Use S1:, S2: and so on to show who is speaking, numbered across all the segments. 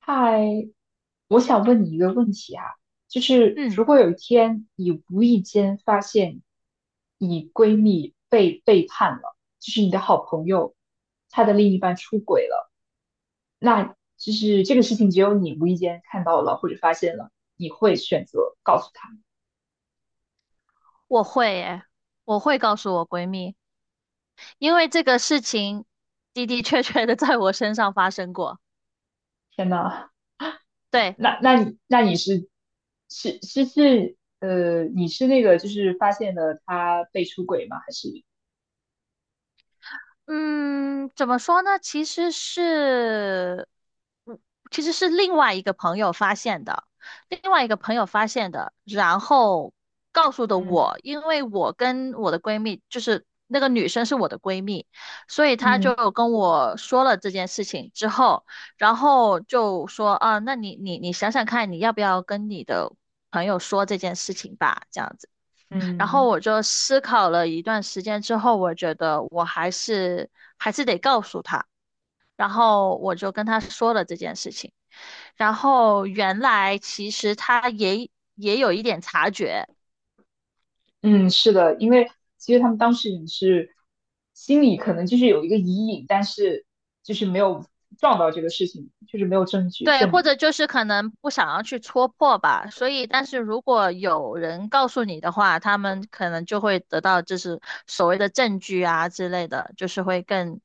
S1: 嗨，我想问你一个问题啊，就是
S2: 嗯，
S1: 如果有一天你无意间发现你闺蜜被背叛了，就是你的好朋友，她的另一半出轨了，那就是这个事情只有你无意间看到了或者发现了，你会选择告诉她。
S2: 我会耶，我会告诉我闺蜜，因为这个事情的的确确的在我身上发生过。
S1: 天呐，
S2: 对，
S1: 那那你那你是是是是呃，你是那个就是发现了她被出轨吗？还是
S2: 嗯，怎么说呢？其实是，嗯其实是另外一个朋友发现的，另外一个朋友发现的，然后告诉的
S1: 嗯
S2: 我，因为我跟我的闺蜜，就是那个女生是我的闺蜜，所以她
S1: 嗯
S2: 就跟我说了这件事情之后，然后就说啊，那你想想看，你要不要跟你的朋友说这件事情吧，这样子。然后
S1: 嗯，
S2: 我就思考了一段时间之后，我觉得我还是得告诉他，然后我就跟他说了这件事情。然后原来其实他也有一点察觉，
S1: 嗯，是的，因为其实他们当时人是心里可能就是有一个疑影，但是就是没有撞到这个事情，就是没有证据
S2: 对，
S1: 证
S2: 或
S1: 明。
S2: 者就是可能不想要去戳破吧，所以，但是如果有人告诉你的话，他们可能就会得到就是所谓的证据啊之类的，就是会更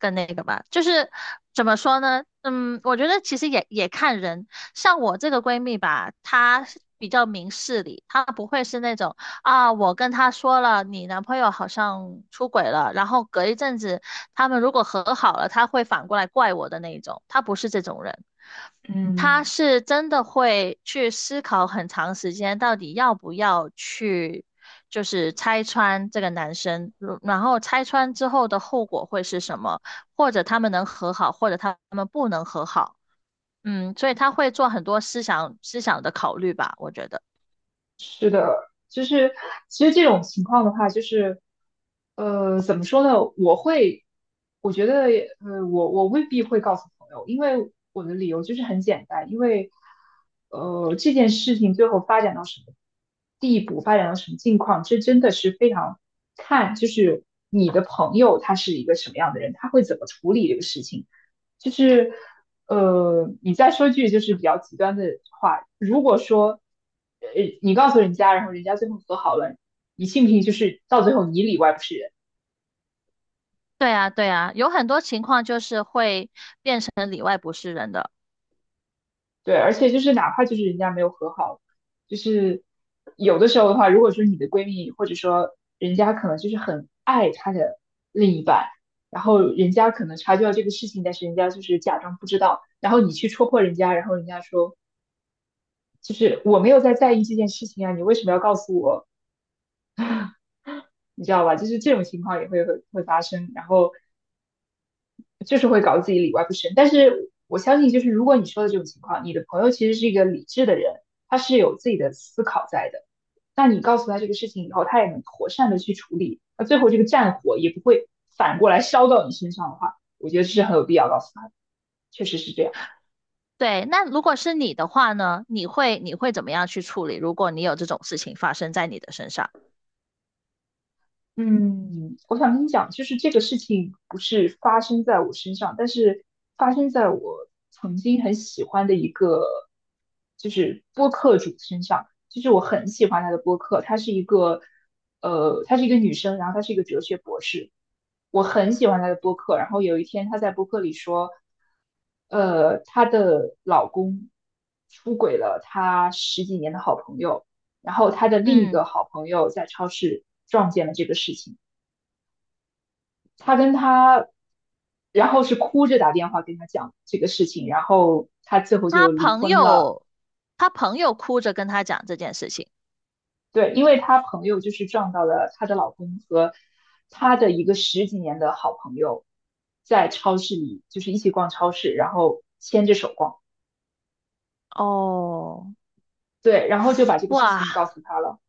S2: 更那个吧。就是怎么说呢？嗯，我觉得其实也看人，像我这个闺蜜吧，她是比较明事理，她不会是那种啊，我跟她说了你男朋友好像出轨了，然后隔一阵子他们如果和好了，她会反过来怪我的那一种，她不是这种人。他
S1: 嗯。
S2: 是真的会去思考很长时间，到底要不要去，就是拆穿这个男生，然后拆穿之后的后果会是什么，或者他们能和好，或者他们不能和好。嗯，所以他会做很多思想的考虑吧，我觉得。
S1: 就是其实这种情况的话，就是怎么说呢？我觉得我未必会告诉朋友，因为我的理由就是很简单，因为这件事情最后发展到什么地步，发展到什么境况，这真的是非常看，就是你的朋友他是一个什么样的人，他会怎么处理这个事情。就是，你再说句就是比较极端的话，如果说，呃，你告诉人家，然后人家最后和好了，你信不信就是到最后你里外不是人？
S2: 对啊，对啊，有很多情况就是会变成里外不是人的。
S1: 对，而且就是哪怕就是人家没有和好，就是有的时候的话，如果说你的闺蜜或者说人家可能就是很爱她的另一半，然后人家可能察觉到这个事情，但是人家就是假装不知道，然后你去戳破人家，然后人家说。就是我没有在意这件事情啊，你为什么要告诉我？你知道吧？就是这种情况也会发生，然后就是会搞得自己里外不是人。但是我相信，就是如果你说的这种情况，你的朋友其实是一个理智的人，他是有自己的思考在的。那你告诉他这个事情以后，他也能妥善的去处理，那最后这个战火也不会反过来烧到你身上的话，我觉得这是很有必要告诉他的，确实是这样。
S2: 对，那如果是你的话呢，你会怎么样去处理？如果你有这种事情发生在你的身上，
S1: 嗯，我想跟你讲，就是这个事情不是发生在我身上，但是发生在我曾经很喜欢的一个，就是播客主身上。就是我很喜欢他的播客，她是一个女生，然后她是一个哲学博士，我很喜欢她的播客。然后有一天她在播客里说，她的老公出轨了她十几年的好朋友。然后他的另一
S2: 嗯。
S1: 个好朋友在超市撞见了这个事情，他跟他，然后是哭着打电话跟他讲这个事情，然后他最后
S2: 他
S1: 就离
S2: 朋
S1: 婚了。
S2: 友，他朋友哭着跟他讲这件事情，
S1: 对，因为他朋友就是撞到了她的老公和她的一个十几年的好朋友，在超市里就是一起逛超市，然后牵着手逛。
S2: 哦，
S1: 对，然后就把这个事
S2: 哇，
S1: 情告诉他了。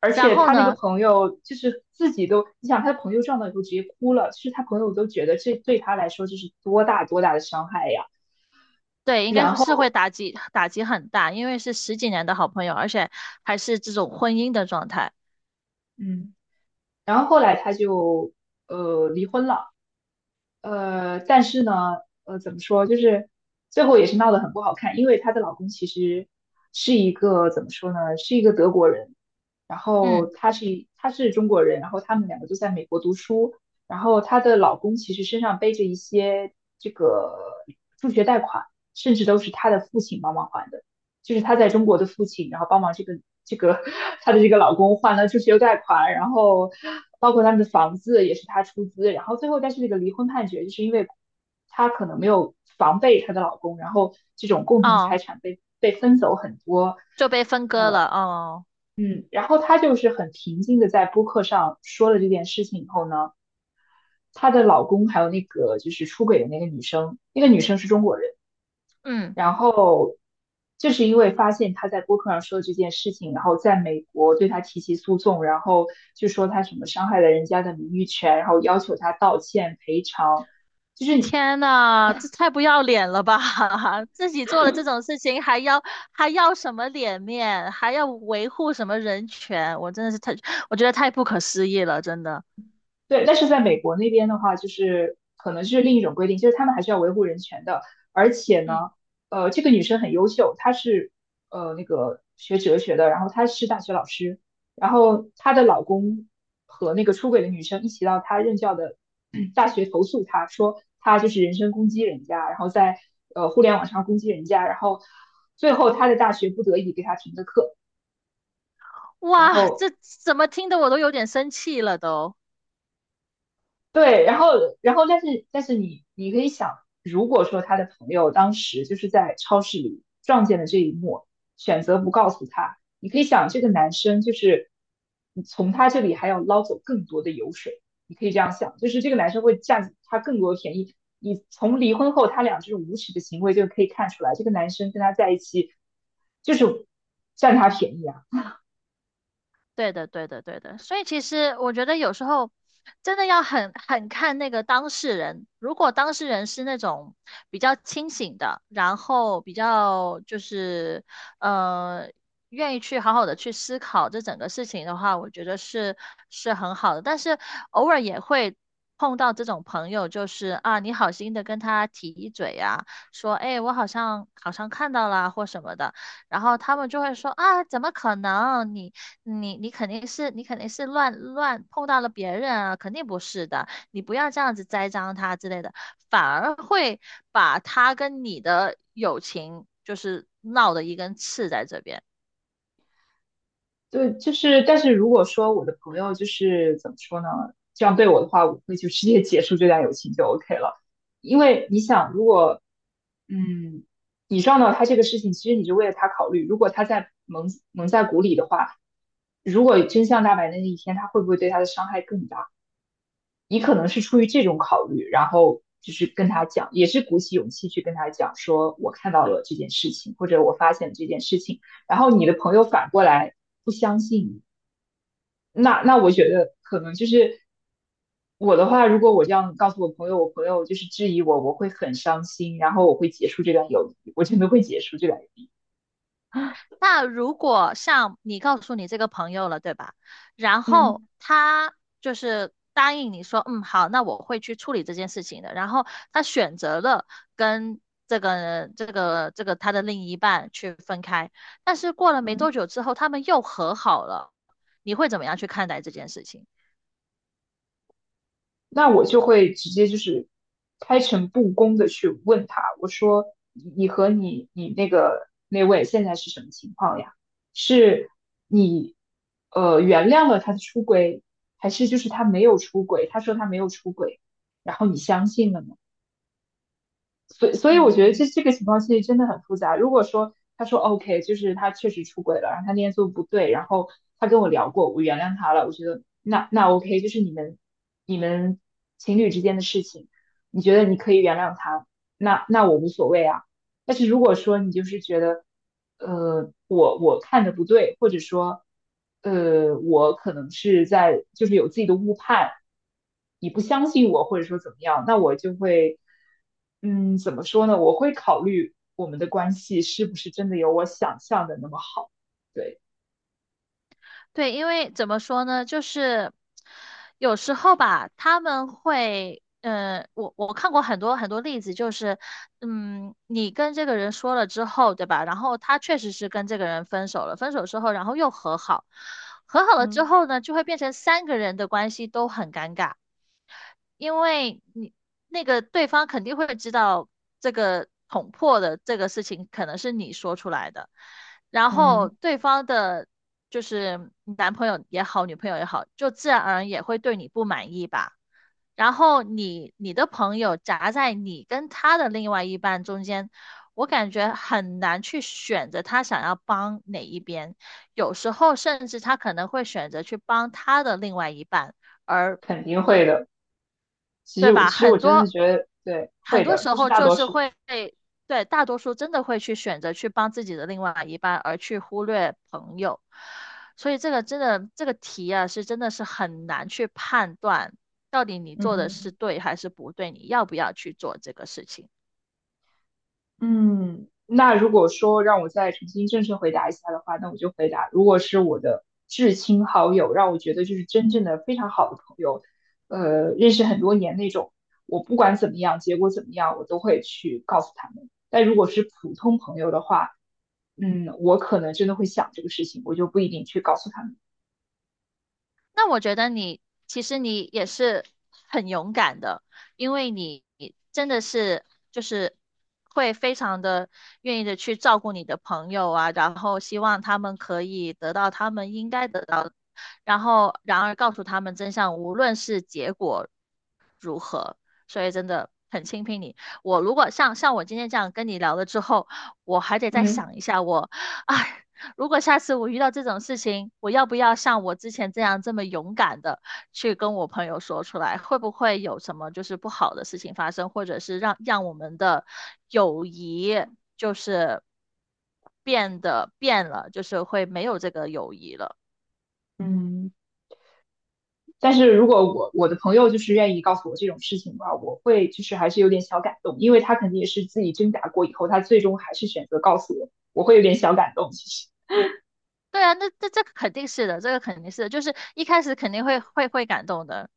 S1: 而
S2: 然
S1: 且
S2: 后
S1: 他那个
S2: 呢，
S1: 朋友就是自己都，你想他的朋友撞到以后直接哭了，其实他朋友都觉得这对他来说就是多大多大的伤害呀。
S2: 对，应
S1: 然
S2: 该是会
S1: 后，
S2: 打击很大，因为是十几年的好朋友，而且还是这种婚姻的状态，
S1: 嗯，然后后来他就离婚了。但是呢，怎么说，就是最后也是闹得很不好看，因为她的老公其实是一个怎么说呢，是一个德国人，然后
S2: 嗯，
S1: 她是中国人，然后他们两个就在美国读书，然后她的老公其实身上背着一些这个助学贷款，甚至都是她的父亲帮忙还的。就是她在中国的父亲，然后帮忙这个这个她的这个老公还了助学贷款，然后包括他们的房子也是她出资，然后最后但是这个离婚判决就是因为她可能没有防备她的老公，然后这种共同财
S2: 哦，
S1: 产被分走很多，
S2: 就被分割了，哦，
S1: 嗯，然后她就是很平静的在播客上说了这件事情以后呢，她的老公还有那个就是出轨的那个女生，那个女生是中国人。
S2: 嗯，
S1: 然后就是因为发现他在播客上说的这件事情，然后在美国对他提起诉讼，然后就说他什么伤害了人家的名誉权，然后要求他道歉赔偿，就是
S2: 天呐，这太不要脸了吧！自己做了这种事情，还要什么脸面，还要维护什么人权？我真的是太，我觉得太不可思议了，真的。
S1: 对，但是在美国那边的话，就是可能是另一种规定，就是他们还是要维护人权的。而且呢，
S2: 嗯。
S1: 这个女生很优秀，她是那个学哲学的，然后她是大学老师，然后她的老公和那个出轨的女生一起到她任教的大学投诉她，说她就是人身攻击人家，然后在互联网上攻击人家，然后最后她的大学不得已给她停的课，然
S2: 哇，
S1: 后
S2: 这怎么听得我都有点生气了都。
S1: 对，然后但是你可以想，如果说他的朋友当时就是在超市里撞见了这一幕，选择不告诉他，你可以想这个男生就是你从他这里还要捞走更多的油水，你可以这样想，就是这个男生会占他更多的便宜。你从离婚后他俩这种无耻的行为就可以看出来，这个男生跟他在一起就是占他便宜啊。
S2: 对的，对的，对的。所以其实我觉得有时候真的要很看那个当事人。如果当事人是那种比较清醒的，然后比较就是呃愿意去好好的去思考这整个事情的话，我觉得是很好的。但是偶尔也会碰到这种朋友，就是啊，你好心的跟他提一嘴呀，说哎，我好像看到啦或什么的。然后他们就会说啊，怎么可能？你肯定是乱碰到了别人啊，肯定不是的，你不要这样子栽赃他之类的，反而会把他跟你的友情就是闹的一根刺在这边。
S1: 对，就是，但是如果说我的朋友就是怎么说呢，这样对我的话，我会就直接结束这段友情就 OK 了。因为你想，如果嗯，你撞到他这个事情，其实你是为了他考虑。如果他在蒙在鼓里的话，如果真相大白的那一天，他会不会对他的伤害更大？你可能是出于这种考虑，然后就是跟他讲，也是鼓起勇气去跟他讲，说我看到了这件事情，或者我发现了这件事情。然后你的朋友反过来不相信你，那我觉得可能就是我的话，如果我这样告诉我朋友，我朋友就是质疑我，我会很伤心，然后我会结束这段友谊，我真的会结束这段友谊。
S2: 那如果像你告诉你这个朋友了，对吧？然后
S1: 嗯
S2: 他就是答应你说，嗯，好，那我会去处理这件事情的。然后他选择了跟这个他的另一半去分开，但是过了没
S1: 嗯
S2: 多久之后，他们又和好了。你会怎么样去看待这件事情？
S1: 那我就会直接就是开诚布公的去问他，我说你和你那个那位现在是什么情况呀？是你原谅了他的出轨，还是就是他没有出轨？他说他没有出轨，然后你相信了吗？所以我觉得
S2: 嗯。
S1: 这个情况其实真的很复杂。如果说他说 OK，就是他确实出轨了，然后他那天做不对，然后他跟我聊过，我原谅他了，我觉得那 OK，就是你们情侣之间的事情，你觉得你可以原谅他，那我无所谓啊。但是如果说你就是觉得，我看的不对，或者说，我可能是在就是有自己的误判，你不相信我，或者说怎么样，那我就会，怎么说呢？我会考虑我们的关系是不是真的有我想象的那么好。对，
S2: 对，因为怎么说呢，就是有时候吧，他们会，呃，我看过很多例子，就是，嗯，你跟这个人说了之后，对吧？然后他确实是跟这个人分手了，分手之后，然后又和好，和好了之
S1: 嗯
S2: 后呢，就会变成三个人的关系都很尴尬。因为你那个对方肯定会知道这个捅破的这个事情可能是你说出来的，然后
S1: 嗯
S2: 对方的，就是男朋友也好，女朋友也好，就自然而然也会对你不满意吧。然后你的朋友夹在你跟他的另外一半中间，我感觉很难去选择他想要帮哪一边，有时候甚至他可能会选择去帮他的另外一半。而
S1: 肯定会的。其
S2: 对
S1: 实我
S2: 吧？
S1: 其实我
S2: 很
S1: 真的
S2: 多
S1: 觉得，对，
S2: 很
S1: 会
S2: 多
S1: 的，
S2: 时
S1: 就是
S2: 候
S1: 大
S2: 就
S1: 多
S2: 是
S1: 数。
S2: 会，对，大多数真的会去选择去帮自己的另外一半，而去忽略朋友。所以这个真的，这个题啊，是真的是很难去判断到底你做的是
S1: 嗯。
S2: 对还是不对，你要不要去做这个事情。
S1: 嗯，那如果说让我再重新正式回答一下的话，那我就回答，如果是我的至亲好友，让我觉得就是真正的非常好的朋友，认识很多年那种，我不管怎么样，结果怎么样，我都会去告诉他们。但如果是普通朋友的话，我可能真的会想这个事情，我就不一定去告诉他们。
S2: 那我觉得你其实你也是很勇敢的，因为你真的是就是会非常的愿意的去照顾你的朋友啊，然后希望他们可以得到他们应该得到的然后然而告诉他们真相，无论是结果所以真的很钦佩你。我如果像我今天这样跟你聊了之后，我还得再
S1: 嗯。
S2: 想一下我，哎，如果下次我遇到这种事情，我要不要像我之前这样这么勇敢的去跟我朋友说出来？会不会有什么就是不好的事情发生，或者是让我们的友谊就是变了，就是会没有这个友谊了？
S1: 嗯。但是如果我的朋友就是愿意告诉我这种事情的话，我会就是还是有点小感动，因为他肯定也是自己挣扎过以后，他最终还是选择告诉我，我会有点小感动。其实，
S2: 对啊，那这个肯定是的，这个肯定是的，就是一开始肯定会感动的。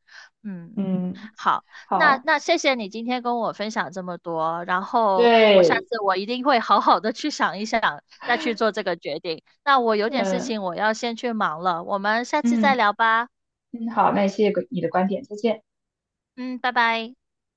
S2: 嗯，
S1: 嗯，
S2: 好，那
S1: 好，
S2: 谢谢你今天跟我分享这么多，然后我下
S1: 对，
S2: 次我一定会好好的去想一想，再去做这个决定。那我有
S1: 嗯
S2: 点事
S1: 呃
S2: 情我要先去忙了，我们下次再
S1: 嗯
S2: 聊吧。
S1: 嗯，好，那谢谢你的观点，再见。
S2: 嗯，拜拜。